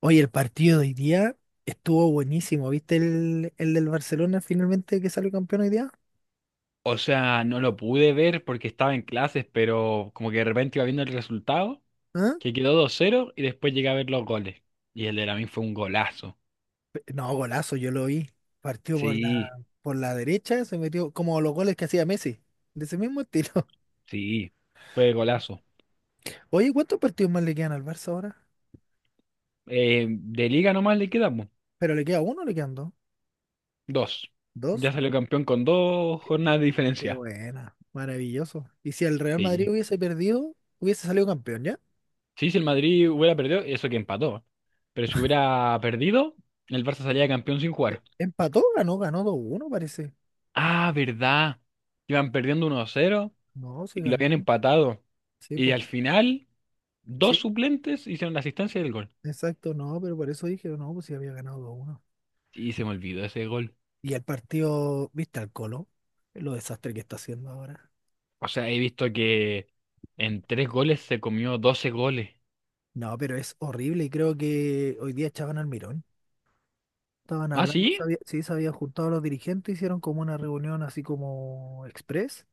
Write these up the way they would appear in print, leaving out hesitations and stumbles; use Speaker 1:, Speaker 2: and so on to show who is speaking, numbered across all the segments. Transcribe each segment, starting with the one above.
Speaker 1: Oye, el partido de hoy día estuvo buenísimo. ¿Viste el del Barcelona finalmente que salió campeón hoy día?
Speaker 2: O sea, no lo pude ver porque estaba en clases, pero como que de repente iba viendo el resultado,
Speaker 1: ¿Ah?
Speaker 2: que quedó 2-0 y después llegué a ver los goles. Y el de Lamine fue un golazo.
Speaker 1: No, golazo, yo lo vi. Partió
Speaker 2: Sí,
Speaker 1: por la derecha, se metió como los goles que hacía Messi, de ese mismo estilo.
Speaker 2: sí, fue golazo.
Speaker 1: Oye, ¿cuántos partidos más le quedan al Barça ahora?
Speaker 2: De liga nomás le quedamos
Speaker 1: ¿Pero le queda uno o le quedan dos?
Speaker 2: dos. Ya
Speaker 1: ¿Dos?
Speaker 2: salió campeón con dos jornadas de
Speaker 1: Qué
Speaker 2: diferencia.
Speaker 1: buena, maravilloso. Y si el Real Madrid
Speaker 2: Sí.
Speaker 1: hubiese perdido, hubiese salido campeón, ¿ya?
Speaker 2: Sí, si el Madrid hubiera perdido, eso que empató. Pero si hubiera perdido, el Barça salía campeón sin jugar.
Speaker 1: ¿Empató? Ganó, ganó dos uno parece.
Speaker 2: Ah, ¿verdad? Iban perdiendo 1-0
Speaker 1: No, sí
Speaker 2: y lo habían
Speaker 1: ganó.
Speaker 2: empatado.
Speaker 1: Sí,
Speaker 2: Y al final, dos
Speaker 1: pues.
Speaker 2: suplentes hicieron la asistencia del gol.
Speaker 1: Exacto, no, pero por eso dije, no, pues si había ganado 2-1.
Speaker 2: Y se me olvidó ese gol.
Speaker 1: Y el partido, ¿viste al Colo? Lo desastre que está haciendo ahora.
Speaker 2: O sea, he visto que en tres goles se comió 12 goles.
Speaker 1: No, pero es horrible y creo que hoy día echaban al Mirón. Estaban
Speaker 2: ¿Ah,
Speaker 1: hablando,
Speaker 2: sí?
Speaker 1: sí, se habían juntado los dirigentes, hicieron como una reunión así como express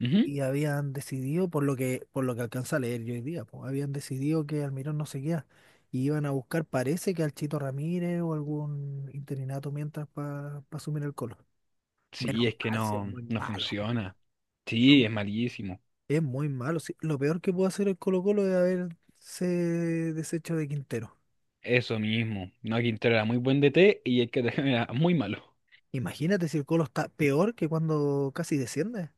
Speaker 2: Ujú.
Speaker 1: y habían decidido, por lo que alcanza a leer yo hoy día, pues, habían decidido que Almirón no seguía y iban a buscar, parece que al Chito Ramírez o algún interinato mientras para asumir el Colo.
Speaker 2: Sí,
Speaker 1: Menos
Speaker 2: es que
Speaker 1: mal, si es
Speaker 2: no,
Speaker 1: muy
Speaker 2: no
Speaker 1: malo.
Speaker 2: funciona. Sí, es malísimo.
Speaker 1: Es muy malo, sí. Lo peor que pudo hacer el Colo-Colo es haberse deshecho de Quintero.
Speaker 2: Eso mismo. No, Quintero era muy buen D T y el que era muy malo.
Speaker 1: Imagínate si el Colo está peor que cuando casi desciende.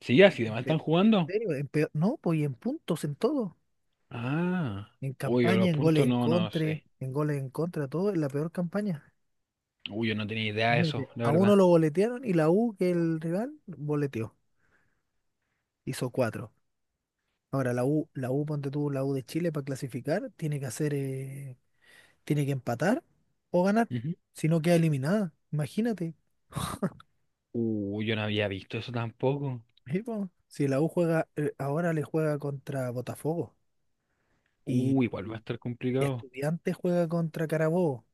Speaker 2: Sí, así de
Speaker 1: ¿En
Speaker 2: mal están jugando.
Speaker 1: serio? No, pues y en puntos, en todo.
Speaker 2: Ah.
Speaker 1: En
Speaker 2: Uy, yo
Speaker 1: campaña,
Speaker 2: los puntos no sé.
Speaker 1: en goles en contra, todo, en la peor campaña.
Speaker 2: Uy, yo no tenía idea de eso,
Speaker 1: Imagínate,
Speaker 2: la
Speaker 1: a uno
Speaker 2: verdad.
Speaker 1: lo boletearon y la U, que el rival, boleteó. Hizo cuatro. Ahora la U, ponte tú, la U de Chile para clasificar, tiene que hacer, tiene que empatar o ganar.
Speaker 2: Ujú.
Speaker 1: Si no queda eliminada, imagínate.
Speaker 2: Uy, yo no había visto eso tampoco.
Speaker 1: Sí, po. Si la U juega, ahora le juega contra Botafogo y
Speaker 2: Igual va a estar complicado.
Speaker 1: Estudiantes juega contra Carabobo.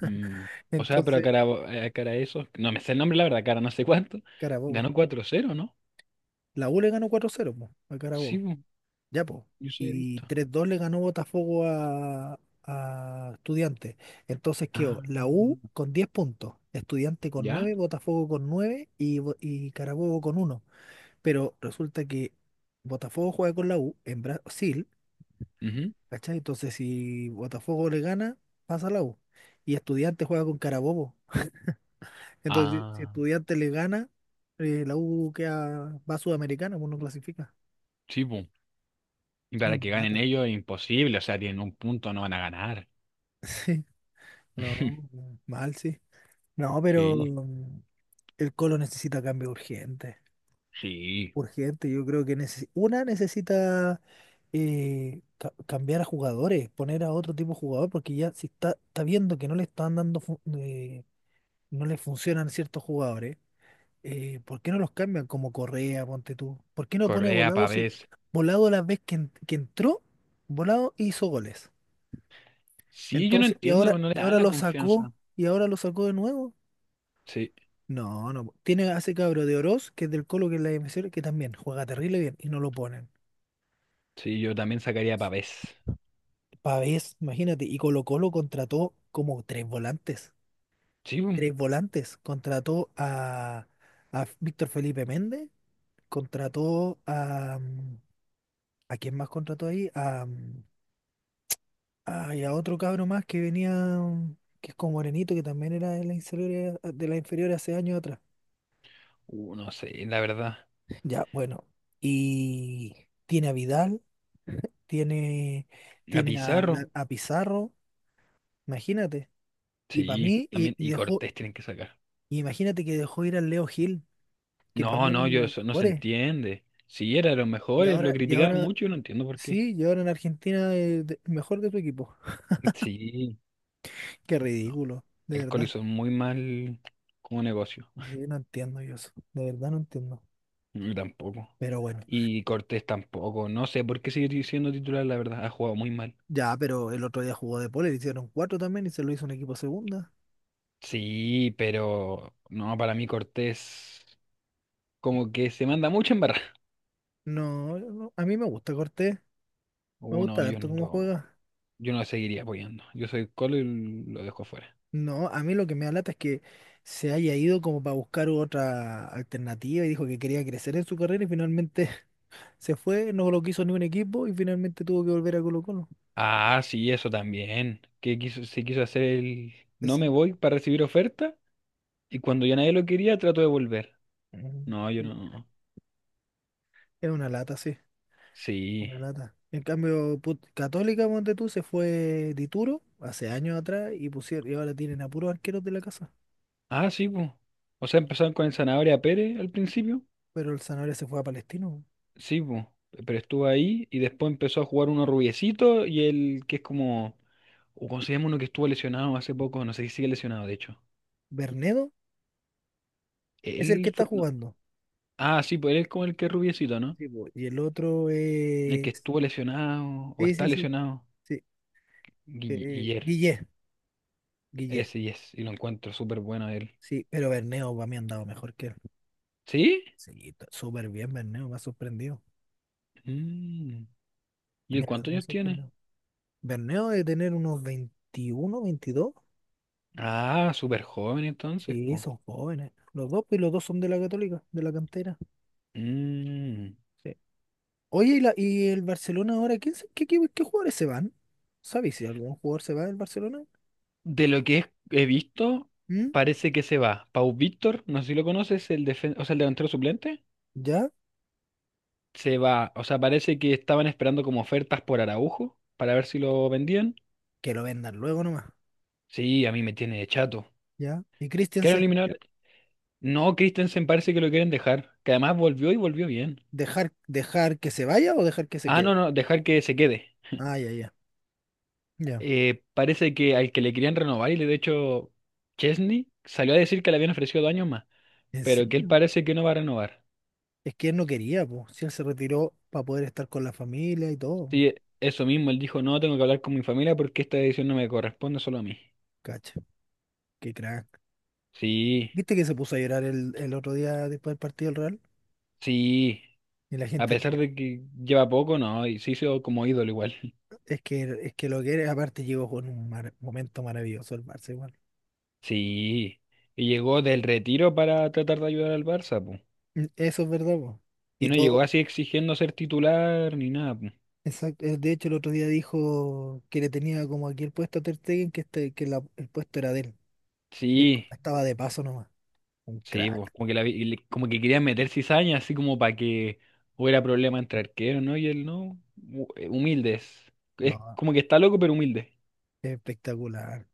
Speaker 2: Mm. O sea, pero a
Speaker 1: Entonces,
Speaker 2: cara, a cara a eso, no me sé el nombre, la verdad, cara no sé cuánto.
Speaker 1: Carabobo.
Speaker 2: Ganó cuatro cero, ¿no?
Speaker 1: La U le ganó cuatro cero po, a
Speaker 2: Sí,
Speaker 1: Carabobo.
Speaker 2: bu,
Speaker 1: Ya, po.
Speaker 2: yo sí he
Speaker 1: Y
Speaker 2: visto.
Speaker 1: tres dos le ganó Botafogo a Estudiantes. Entonces
Speaker 2: Ah,
Speaker 1: quedó la U con 10 puntos, Estudiante con
Speaker 2: ¿ya?
Speaker 1: nueve, Botafogo con 9 y, y Carabobo con uno. Pero resulta que Botafogo juega con la U en Brasil.
Speaker 2: Ujú.
Speaker 1: ¿Cachai? Entonces, si Botafogo le gana, pasa la U. Y Estudiantes juega con Carabobo. Entonces, si
Speaker 2: Ah,
Speaker 1: Estudiantes le gana, la U queda, va a Sudamericana, pues no clasifica.
Speaker 2: sí, bu. Y
Speaker 1: Es
Speaker 2: para
Speaker 1: una
Speaker 2: que ganen
Speaker 1: lata.
Speaker 2: ellos es imposible, o sea, tienen un punto, no van a ganar.
Speaker 1: Sí, no, mal, sí. No, pero
Speaker 2: Sí,
Speaker 1: el Colo necesita cambio urgente.
Speaker 2: sí.
Speaker 1: Urgente, yo creo que una necesita cambiar a jugadores, poner a otro tipo de jugador, porque ya si está, está viendo que no le están dando, no le funcionan ciertos jugadores. ¿Por qué no los cambian como Correa, ponte tú? ¿Por qué no pone a
Speaker 2: Correa,
Speaker 1: Volado si
Speaker 2: Pavés.
Speaker 1: Volado la vez que entró, Volado hizo goles?
Speaker 2: Sí, yo no
Speaker 1: Entonces,
Speaker 2: entiendo, no le
Speaker 1: y
Speaker 2: dan
Speaker 1: ahora
Speaker 2: la
Speaker 1: lo sacó,
Speaker 2: confianza.
Speaker 1: y ahora lo sacó de nuevo.
Speaker 2: Sí,
Speaker 1: No, no. Tiene a ese cabro de Oroz, que es del Colo, que es la MCR, que también juega terrible bien, y no lo ponen.
Speaker 2: sí, yo también sacaría a Pavés.
Speaker 1: Pavés, imagínate, y Colo Colo contrató como tres volantes.
Speaker 2: Sí, bu.
Speaker 1: Tres volantes. Contrató a Víctor Felipe Méndez, contrató a... ¿A quién más contrató ahí? A, ah, y a otro cabro más que venía, que es como morenito, que también era de la inferior, ah, de la inferior hace años atrás.
Speaker 2: No sé, la verdad.
Speaker 1: Ya, bueno. Y tiene a Vidal, tiene,
Speaker 2: A
Speaker 1: tiene
Speaker 2: Pizarro.
Speaker 1: a Pizarro, imagínate. Y para
Speaker 2: Sí,
Speaker 1: mí,
Speaker 2: también.
Speaker 1: y
Speaker 2: Y
Speaker 1: dejó,
Speaker 2: Cortés tienen que sacar.
Speaker 1: y imagínate que dejó ir al Leo Gil, que para
Speaker 2: No,
Speaker 1: mí era
Speaker 2: no,
Speaker 1: uno de
Speaker 2: yo
Speaker 1: los
Speaker 2: eso no se
Speaker 1: mejores.
Speaker 2: entiende. Sí, era de los mejores, lo
Speaker 1: Y
Speaker 2: criticaban
Speaker 1: ahora,
Speaker 2: mucho y no entiendo por qué.
Speaker 1: sí, y ahora en Argentina mejor de tu equipo.
Speaker 2: Sí,
Speaker 1: Qué
Speaker 2: no.
Speaker 1: ridículo, de
Speaker 2: El Coli
Speaker 1: verdad.
Speaker 2: hizo muy mal como negocio.
Speaker 1: Sí, no entiendo yo eso, de verdad no entiendo.
Speaker 2: Yo tampoco.
Speaker 1: Pero bueno.
Speaker 2: Y Cortés tampoco. No sé por qué sigue siendo titular, la verdad. Ha jugado muy mal.
Speaker 1: Ya, pero el otro día jugó de pole, le hicieron cuatro también y se lo hizo un equipo segunda.
Speaker 2: Sí, pero no, para mí Cortés como que se manda mucho en barra.
Speaker 1: No, no, a mí me gusta Cortés, me
Speaker 2: Uh, no,
Speaker 1: gusta
Speaker 2: yo
Speaker 1: harto
Speaker 2: no
Speaker 1: cómo
Speaker 2: lo,
Speaker 1: juega.
Speaker 2: yo no lo seguiría apoyando. Yo soy Colo y lo dejo fuera.
Speaker 1: No, a mí lo que me da lata es que se haya ido como para buscar otra alternativa y dijo que quería crecer en su carrera y finalmente se fue, no lo quiso ni un equipo y finalmente tuvo que volver a Colo-Colo.
Speaker 2: Ah, sí, eso también. Que quiso, se quiso hacer el no
Speaker 1: Es,
Speaker 2: me voy para recibir oferta y cuando ya nadie lo quería trató de volver.
Speaker 1: Mm.
Speaker 2: No, yo
Speaker 1: es
Speaker 2: no.
Speaker 1: es una lata, sí,
Speaker 2: Sí.
Speaker 1: una lata. En cambio, Católica, ponte tú, se fue Dituro hace años atrás y pusieron, y ahora tienen a puros arqueros de la casa.
Speaker 2: Ah, sí, pues. O sea, empezaron con el Zanahoria Pérez al principio.
Speaker 1: Pero el Sanabria se fue a Palestino.
Speaker 2: Sí, pues. Pero estuvo ahí y después empezó a jugar uno rubiecito y el que es como... O ¿cómo se llama uno que estuvo lesionado hace poco? No sé si sigue lesionado, de hecho.
Speaker 1: Bernedo es el que
Speaker 2: Él
Speaker 1: está
Speaker 2: fue... no.
Speaker 1: jugando.
Speaker 2: Ah, sí, pues él es como el que es rubiecito, ¿no?
Speaker 1: Sí, po. Y el otro
Speaker 2: El
Speaker 1: es.
Speaker 2: que estuvo lesionado o
Speaker 1: Sí,
Speaker 2: está
Speaker 1: sí, sí,
Speaker 2: lesionado.
Speaker 1: sí.
Speaker 2: Guiller.
Speaker 1: Guille. Guille.
Speaker 2: Ese y es, y Lo encuentro súper bueno él.
Speaker 1: Sí, pero Bernedo para mí ha andado mejor que él.
Speaker 2: ¿Sí?
Speaker 1: Sí, está súper bien, Bernedo. Me ha sorprendido.
Speaker 2: Mm. ¿Y
Speaker 1: De
Speaker 2: él
Speaker 1: verdad
Speaker 2: cuántos
Speaker 1: me ha
Speaker 2: años tiene?
Speaker 1: sorprendido. Bernedo de tener unos 21 veintidós.
Speaker 2: Ah, súper joven entonces,
Speaker 1: Sí,
Speaker 2: po.
Speaker 1: son jóvenes. Los dos, pues, y los dos son de la Católica, de la cantera.
Speaker 2: Mm.
Speaker 1: Sí. Oye, ¿y, y el Barcelona ahora? ¿Quién, qué, qué jugadores se van? ¿Sabéis si algún jugador se va del Barcelona?
Speaker 2: De lo que es- He visto,
Speaker 1: ¿Mm?
Speaker 2: parece que se va. Pau Víctor, no sé si lo conoces, el o sea, el delantero suplente,
Speaker 1: ¿Ya?
Speaker 2: se va. O sea, parece que estaban esperando como ofertas por Araujo para ver si lo vendían.
Speaker 1: Que lo vendan luego nomás.
Speaker 2: Sí, a mí me tiene de chato.
Speaker 1: Ya. ¿Y
Speaker 2: ¿Quieren
Speaker 1: Christensen sería?
Speaker 2: eliminar? No, Christensen parece que lo quieren dejar, que además volvió y volvió bien.
Speaker 1: Dejar que se vaya o dejar que se
Speaker 2: Ah,
Speaker 1: quede?
Speaker 2: no, dejar que se quede.
Speaker 1: Ah, ya, ya. Ya.
Speaker 2: Parece que al que le querían renovar, y de hecho Chesney salió a decir que le habían ofrecido dos años más,
Speaker 1: ¿En
Speaker 2: pero que él
Speaker 1: serio?
Speaker 2: parece que no va a renovar.
Speaker 1: Es que él no quería, pues. Si él se retiró para poder estar con la familia y todo, po.
Speaker 2: Sí, eso mismo, él dijo, no, tengo que hablar con mi familia porque esta decisión no me corresponde solo a mí.
Speaker 1: Cacha. Qué crack.
Speaker 2: Sí,
Speaker 1: ¿Viste que se puso a llorar el otro día después del partido del Real?
Speaker 2: sí,
Speaker 1: Y la
Speaker 2: a
Speaker 1: gente
Speaker 2: pesar
Speaker 1: lo...
Speaker 2: de que lleva poco, no, y se hizo como ídolo igual.
Speaker 1: Es que lo que era, aparte llegó con un momento maravilloso el Barça igual.
Speaker 2: Sí, y llegó del retiro para tratar de ayudar al Barça, po.
Speaker 1: Eso es verdad, po.
Speaker 2: Y
Speaker 1: Y
Speaker 2: no
Speaker 1: todo,
Speaker 2: llegó así exigiendo ser titular ni nada, po.
Speaker 1: exacto. De hecho, el otro día dijo que le tenía como aquí el puesto a Ter Stegen, que, este, el puesto era de él, que él como
Speaker 2: Sí.
Speaker 1: estaba de paso nomás. Un
Speaker 2: Sí, pues,
Speaker 1: crack.
Speaker 2: como que, la, vi- y le- como que querían meter cizaña, así como para que hubiera problema entre arqueros, ¿no? Y él no. Humildes. Es
Speaker 1: No,
Speaker 2: como que está loco, pero humilde.
Speaker 1: espectacular.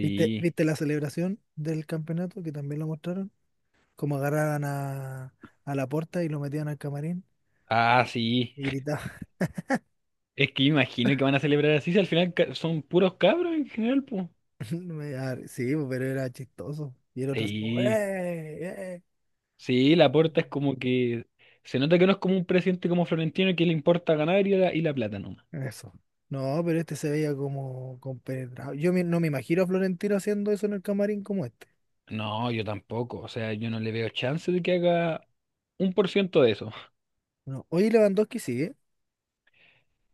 Speaker 1: Viste la celebración del campeonato que también lo mostraron? Cómo agarraban a Laporta y lo metían al camarín
Speaker 2: Ah, sí.
Speaker 1: y gritaban.
Speaker 2: Es que imagino que van a celebrar así, si al final son puros cabros en general, pues.
Speaker 1: Sí, pues, pero era chistoso. Y el otro así como,
Speaker 2: Sí.
Speaker 1: ¡eh!
Speaker 2: Sí,
Speaker 1: ¡Eh!
Speaker 2: Laporta es como que. Se nota que no es como un presidente como Florentino que le importa ganar y la plata nomás.
Speaker 1: Eso. No, pero este se veía como compenetrado. No me imagino a Florentino haciendo eso en el camarín como este.
Speaker 2: No, yo tampoco. O sea, yo no le veo chance de que haga un por ciento de eso.
Speaker 1: No. Oye, Lewandowski sigue.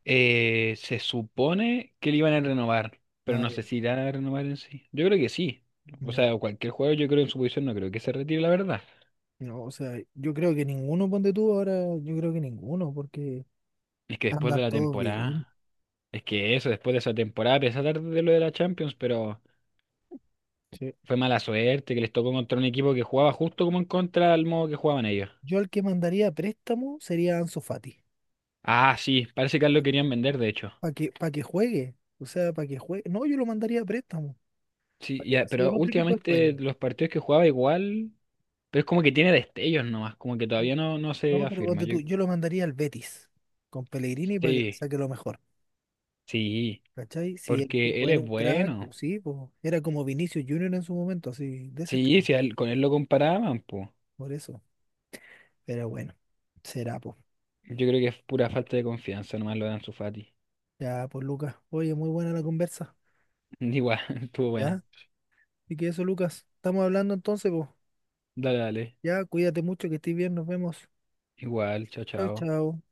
Speaker 2: Se supone que le iban a renovar, pero
Speaker 1: Ah,
Speaker 2: no sé
Speaker 1: ya.
Speaker 2: si irán a renovar en sí. Yo creo que sí. O
Speaker 1: Ya.
Speaker 2: sea, cualquier jugador, yo creo en su posición, no creo que se retire, la verdad.
Speaker 1: No, o sea, yo creo que ninguno, ponte tú ahora, yo creo que ninguno, porque
Speaker 2: Es que después de
Speaker 1: andan
Speaker 2: la
Speaker 1: todos bien.
Speaker 2: temporada, es que eso, Después de esa temporada, a pesar de lo de la Champions, pero
Speaker 1: Sí.
Speaker 2: fue mala suerte que les tocó contra un equipo que jugaba justo como en contra al modo que jugaban ellos.
Speaker 1: Yo al que mandaría a préstamo sería a Ansu Fati.
Speaker 2: Ah, sí, parece que lo querían vender, de hecho.
Speaker 1: Para que juegue. O sea, para que juegue. No, yo lo mandaría a préstamo.
Speaker 2: Sí,
Speaker 1: Para que
Speaker 2: ya,
Speaker 1: así en
Speaker 2: pero
Speaker 1: otro equipo de España.
Speaker 2: últimamente los partidos que jugaba igual, pero es como que tiene destellos nomás, como que
Speaker 1: Sí.
Speaker 2: todavía no se
Speaker 1: No, pero
Speaker 2: afirma.
Speaker 1: ponte
Speaker 2: Yo,
Speaker 1: tú, yo lo mandaría al Betis. Con Pellegrini para que le
Speaker 2: sí,
Speaker 1: saque lo mejor.
Speaker 2: sí.
Speaker 1: ¿Cachai? Si el
Speaker 2: Porque
Speaker 1: tipo
Speaker 2: él
Speaker 1: era
Speaker 2: es
Speaker 1: un crack,
Speaker 2: bueno.
Speaker 1: pues sí, pues, era como Vinicius Junior en su momento, así, de ese
Speaker 2: Sí,
Speaker 1: estilo.
Speaker 2: si a él- con él lo comparaban, pues.
Speaker 1: Por eso. Pero bueno, será, pues.
Speaker 2: Yo creo que es pura falta de confianza, nomás lo dan su Fati.
Speaker 1: Ya, pues, Lucas. Oye, muy buena la conversa.
Speaker 2: Igual, estuvo
Speaker 1: ¿Ya?
Speaker 2: buena.
Speaker 1: Y que eso, Lucas. Estamos hablando entonces, pues.
Speaker 2: Dale, dale.
Speaker 1: Ya, cuídate mucho, que estés bien, nos vemos.
Speaker 2: Igual, chao,
Speaker 1: Chao,
Speaker 2: chao.
Speaker 1: chao.